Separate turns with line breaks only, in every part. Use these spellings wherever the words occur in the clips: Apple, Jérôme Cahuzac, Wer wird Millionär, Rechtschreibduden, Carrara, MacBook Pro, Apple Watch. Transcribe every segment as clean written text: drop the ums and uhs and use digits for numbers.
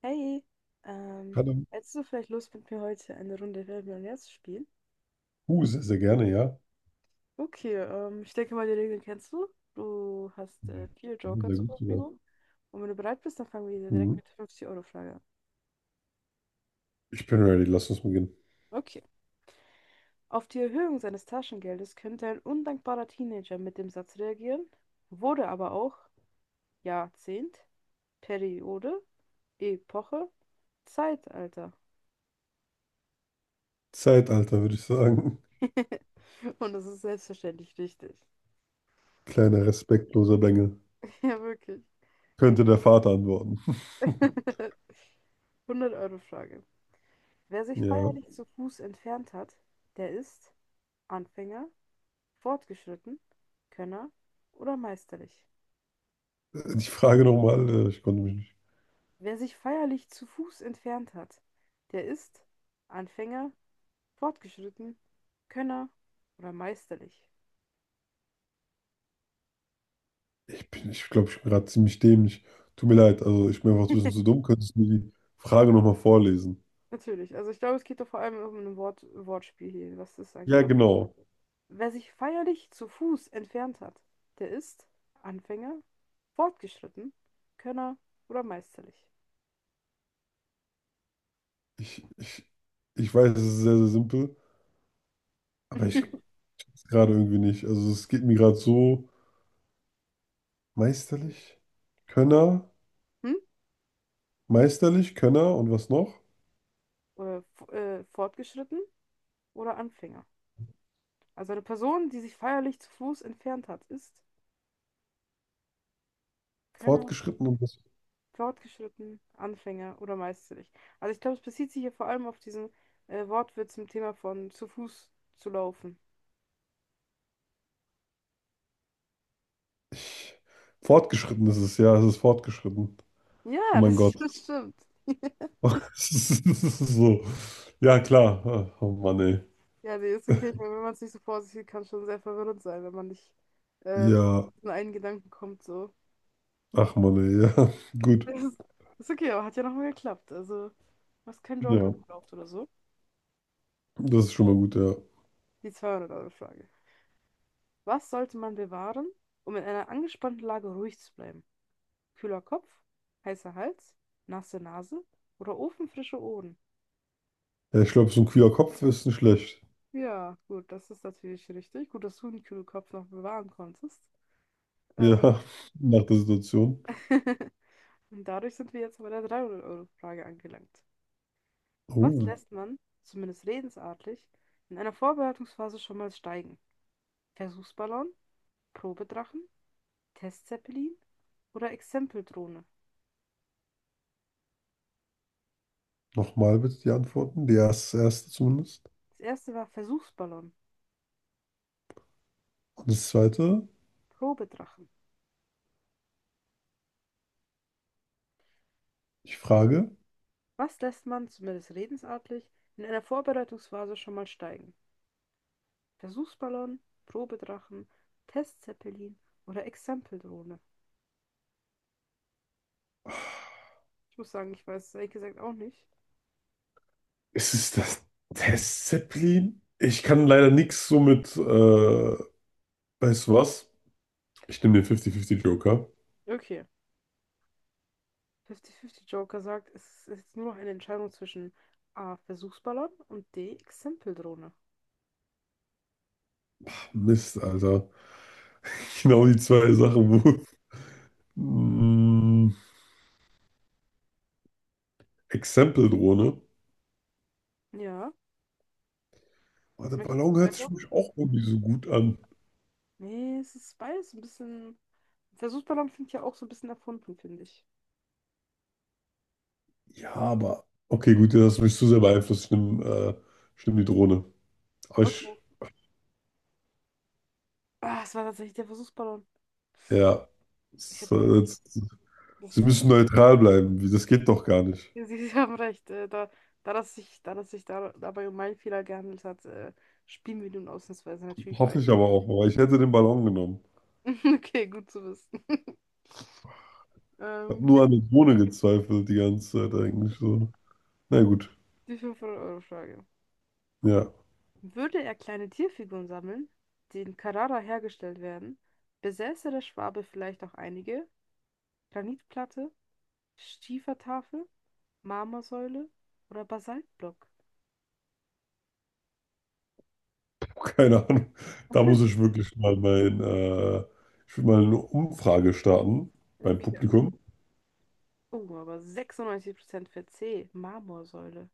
Hey, ähm,
Hallo.
hättest du vielleicht Lust, mit mir heute eine Runde Wer wird Millionär zu spielen?
Sehr, sehr gerne, ja.
Okay, ich denke mal, die Regeln kennst du. Du hast vier
Ja,
Joker
sehr
zur
gut sogar.
Verfügung. Und wenn du bereit bist, dann fangen wir direkt
Mhm.
mit der 50-Euro-Frage an.
Ich bin ready, lass uns beginnen.
Okay. Auf die Erhöhung seines Taschengeldes könnte ein undankbarer Teenager mit dem Satz reagieren, wurde aber auch Jahrzehnt, Periode, Epoche, Zeitalter.
Zeitalter, würde ich sagen.
Und das ist selbstverständlich richtig.
Kleiner respektloser Bengel.
Ja, wirklich.
Könnte der Vater antworten.
100 Euro Frage. Wer sich
Ja.
feierlich zu Fuß entfernt hat, der ist Anfänger, fortgeschritten, Könner oder meisterlich.
Die Frage nochmal, ich konnte mich nicht.
Wer sich feierlich zu Fuß entfernt hat, der ist Anfänger, fortgeschritten, Könner oder meisterlich.
Ich glaube, ich bin gerade ziemlich dämlich. Tut mir leid, also ich bin einfach ein bisschen zu dumm. Könntest du die Frage nochmal vorlesen?
Natürlich, also ich glaube, es geht doch vor allem um ein Wort Wortspiel hier, was das
Ja,
angeht.
genau.
Wer sich feierlich zu Fuß entfernt hat, der ist Anfänger, fortgeschritten, Könner oder meisterlich.
Ich, ich, ich weiß, es ist sehr, sehr simpel, aber ich kann es gerade irgendwie nicht. Also es geht mir gerade so meisterlich.
Also,
Könner.
hm?
Meisterlich, Könner und was noch?
Oder fortgeschritten oder Anfänger. Also eine Person, die sich feierlich zu Fuß entfernt hat, ist Könner,
Fortgeschritten und was?
fortgeschritten, Anfänger oder meisterlich. Also ich glaube, es bezieht sich hier vor allem auf diesen Wortwitz zum Thema von zu Fuß zu laufen.
Ich, fortgeschritten ist es, ja, es ist fortgeschritten. Oh
Ja,
mein
das,
Gott.
das stimmt.
Es ist so. Ja, klar. Ach, oh Mann, ey.
Ja, nee, ist okay. Ich meine, wenn man es nicht so vor sich sieht, kann es schon sehr verwirrend sein, wenn man nicht wirklich
Ja,
in einen Gedanken kommt, so.
ach Mann, ey. Ja, gut.
Das ist, ist okay, aber hat ja nochmal geklappt. Also, du hast keinen Joker
Ja,
gebraucht oder so.
das ist schon mal gut, ja.
Die 200-Euro-Frage. Was sollte man bewahren, um in einer angespannten Lage ruhig zu bleiben? Kühler Kopf, heißer Hals, nasse Nase oder ofenfrische Ohren?
Ja, ich glaube, so ein kühler Kopf ist nicht schlecht.
Ja, gut, das ist natürlich richtig. Gut, dass du den kühlen Kopf noch bewahren konntest. Äh,
Ja, nach der Situation.
Und dadurch sind wir jetzt bei der 300-Euro-Frage angelangt. Was
Oh,
lässt man, zumindest redensartlich, in einer Vorbereitungsphase schon mal steigen? Versuchsballon, Probedrachen, Testzeppelin oder Exempeldrohne?
nochmal bitte die Antworten. Die erste zumindest.
Das erste war Versuchsballon,
Und das zweite,
Probedrachen.
ich frage.
Was lässt man, zumindest redensartlich, in einer Vorbereitungsphase schon mal steigen? Versuchsballon, Probedrachen, Testzeppelin oder Exempeldrohne? Ich muss sagen, ich weiß es ehrlich gesagt auch nicht.
Ist es das Testzeppelin? Ich kann leider nichts so mit, weißt du was? Ich nehme den 50-50 Joker.
Okay. 50-50 Joker sagt, es ist jetzt nur noch eine Entscheidung zwischen A. Versuchsballon und D. Exempeldrohne.
Mist, Alter. Genau die zwei Sachen, wo. Mm, Exempel-Drohne.
Ja.
Aber der
Möchtest du
Ballon
es
hört sich für
einloggen?
mich auch irgendwie so gut an.
Nee, es ist beides ein bisschen. Versuchsballon klingt ja auch so ein bisschen erfunden, finde ich.
Ja, aber. Okay, gut, ja, das hast mich zu sehr beeinflusst. Ich nehm die Drohne. Aber
Okay.
ich.
Ah, es war tatsächlich der Versuchsballon.
Ja.
Ich
es-
hätte den,
es-
das
Sie
ist,
müssen neutral bleiben. Wie, das geht doch gar nicht.
Sie haben recht, da das sich, da das sich da, dabei um meinen Fehler gehandelt hat, spielen wir nun ausnahmsweise natürlich
Hoffe
weiter.
ich aber auch. Aber ich hätte den Ballon genommen.
Okay, gut zu wissen.
Ich habe
Ähm,
nur
die,
an der Drohne gezweifelt die ganze Zeit eigentlich so. Na gut,
die 500-Euro-Frage.
ja,
Würde er kleine Tierfiguren sammeln, die in Carrara hergestellt werden, besäße der Schwabe vielleicht auch einige? Granitplatte, Schiefertafel, Marmorsäule oder Basaltblock?
keine Ahnung. Da muss ich wirklich mal ich will mal eine Umfrage starten beim
Okay.
Publikum.
Oh, aber 96% für C, Marmorsäule.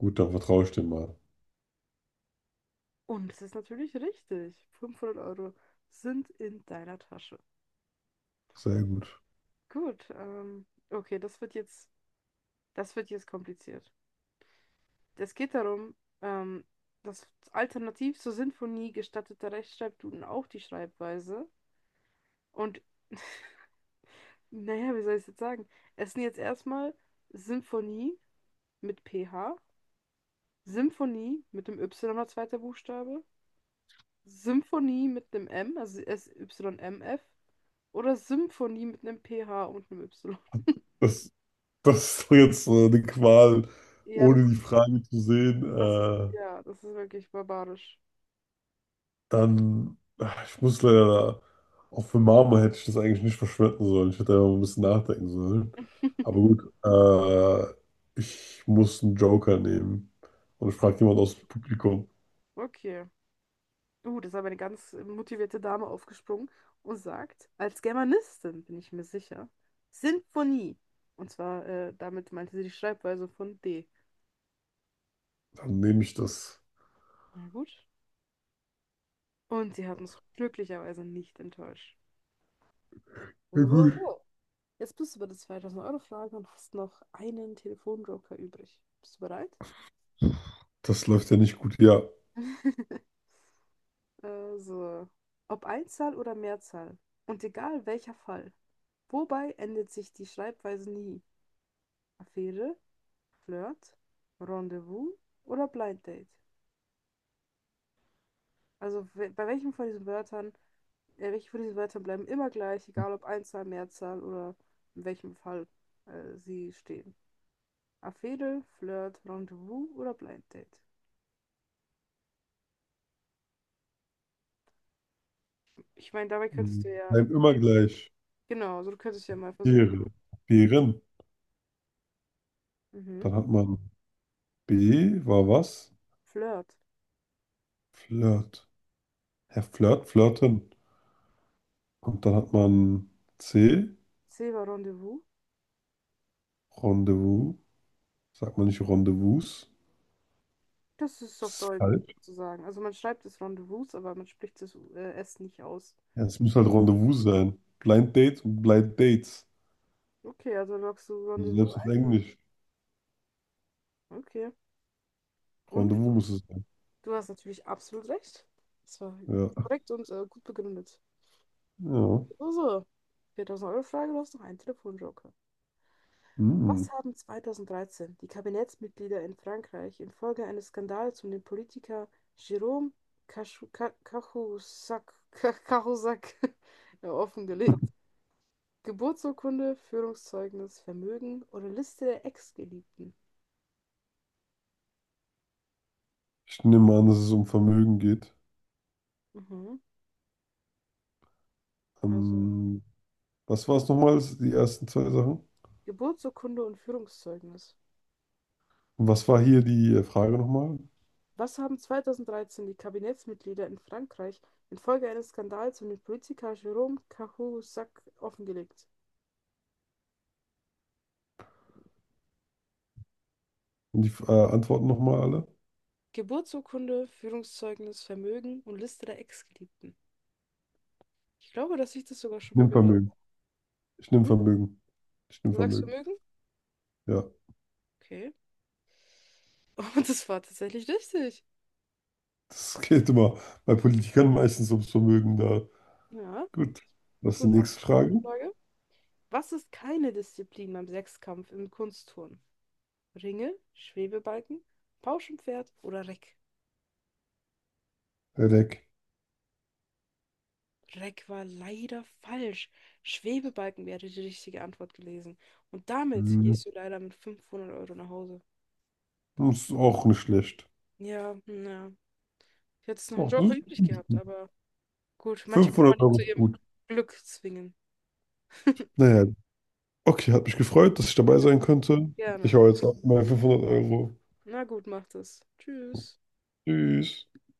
Gut, dann vertraue ich dem mal.
Und es ist natürlich richtig. 500 Euro sind in deiner Tasche.
Sehr gut.
Gut, okay, das wird jetzt kompliziert. Es geht darum, ähm, dass alternativ zur Sinfonie gestattete Rechtschreibduden auch die Schreibweise. Und naja, wie soll ich es jetzt sagen? Es sind jetzt erstmal Symphonie mit PH, Symphonie mit dem Y als zweiter Buchstabe, Symphonie mit dem M, also SYMF, oder Symphonie mit einem P H und einem Y.
Das, das ist doch jetzt eine Qual,
Ja,
ohne die Frage zu sehen.
das ist, ja, das ist wirklich barbarisch.
Dann, ach, ich muss leider, auch für Marmor hätte ich das eigentlich nicht verschwenden sollen. Ich hätte einfach ein bisschen nachdenken sollen. Aber gut, ich muss einen Joker nehmen. Und ich frage jemand aus dem Publikum.
Okay. Das ist aber eine ganz motivierte Dame aufgesprungen und sagt, als Germanistin bin ich mir sicher, Sinfonie. Und zwar, damit meinte sie die Schreibweise von D.
Dann nehme ich das.
Na gut. Und sie hat uns glücklicherweise nicht enttäuscht.
Ja,
So, so,
gut.
so. Jetzt bist du bei der 2000-Euro-Frage und hast noch einen Telefonjoker übrig. Bist du bereit?
Das läuft ja nicht gut. Ja.
So. Ob Einzahl oder Mehrzahl. Und egal welcher Fall. Wobei ändert sich die Schreibweise nie? Affäre, Flirt, Rendezvous oder Blind Date? Also bei welchem von diesen Wörtern, welche von diesen Wörtern bleiben immer gleich, egal ob Einzahl, Mehrzahl oder in welchem Fall sie stehen? Affäre, Flirt, Rendezvous oder Blind Date? Ich meine, dabei könntest
Hm,
du ja,
bleiben immer gleich.
genau, also du könntest ja mal versuchen.
Beere. Beeren.
Mhm.
Dann hat man B war was?
Flirt.
Flirt. Herr Flirt, flirten. Und dann hat man C,
C'est un rendezvous.
Rendezvous. Sagt man nicht Rendezvous?
Das ist
Das
auf
ist
Deutsch
falsch.
sozusagen. Also man schreibt es Rendezvous, aber man spricht es S nicht aus.
Ja, es muss halt Rendezvous sein. Blind Dates und Blind Dates.
Okay, also loggst du
Also
Rendezvous
selbst auf
ein?
Englisch.
Okay. Und
Rendezvous muss es sein.
du hast natürlich absolut recht. Das war
Ja.
korrekt und gut begründet.
Ja.
So, so. 4000-Euro-Frage, du hast noch einen Telefonjoker.
Hm.
Was haben 2013 die Kabinettsmitglieder in Frankreich infolge eines Skandals um den Politiker Jérôme Cahusac offengelegt? Geburtsurkunde, Führungszeugnis, Vermögen oder Liste der Ex-Geliebten.
Ich nehme an, dass es um Vermögen geht.
Mhm. Also
Ähm, was war es nochmal, die ersten zwei Sachen?
Geburtsurkunde und Führungszeugnis.
Und was war hier die Frage nochmal?
Was haben 2013 die Kabinettsmitglieder in Frankreich infolge eines Skandals um den Politiker Jérôme Cahuzac offengelegt?
Und die Antworten nochmal alle?
Geburtsurkunde, Führungszeugnis, Vermögen und Liste der Ex-Geliebten. Ich glaube, dass ich das sogar
Ich
schon mal
nehme
gehört
Vermögen.
habe.
Ich nehme
Hm?
Vermögen. Ich nehme
Du sagst
Vermögen.
Vermögen?
Ja.
Okay. Und das war tatsächlich richtig.
Das geht immer bei Politikern meistens ums Vermögen da.
Ja,
Gut. Was ist die
gut, ach,
nächste
neue
Frage?
Frage. Was ist keine Disziplin beim Sechskampf im Kunstturnen? Ringe, Schwebebalken, Pauschenpferd oder Reck?
Herr Leck.
Reck war leider falsch. Schwebebalken wäre die richtige Antwort gewesen. Und damit
Hm.
gehst du leider mit 500 Euro nach Hause.
Das ist auch nicht schlecht.
Ja, ja. Ich hätte jetzt noch einen
Oh,
Joker übrig
das ist
gehabt,
gut.
aber gut, manche kann man
500
nicht
Euro
zu
ist
ihrem
gut.
Glück zwingen.
Naja, okay, hat mich gefreut, dass ich dabei
Ja.
sein konnte. Ich
Gerne.
hau jetzt ab meine 500 Euro.
Na gut, macht es. Tschüss.
Tschüss.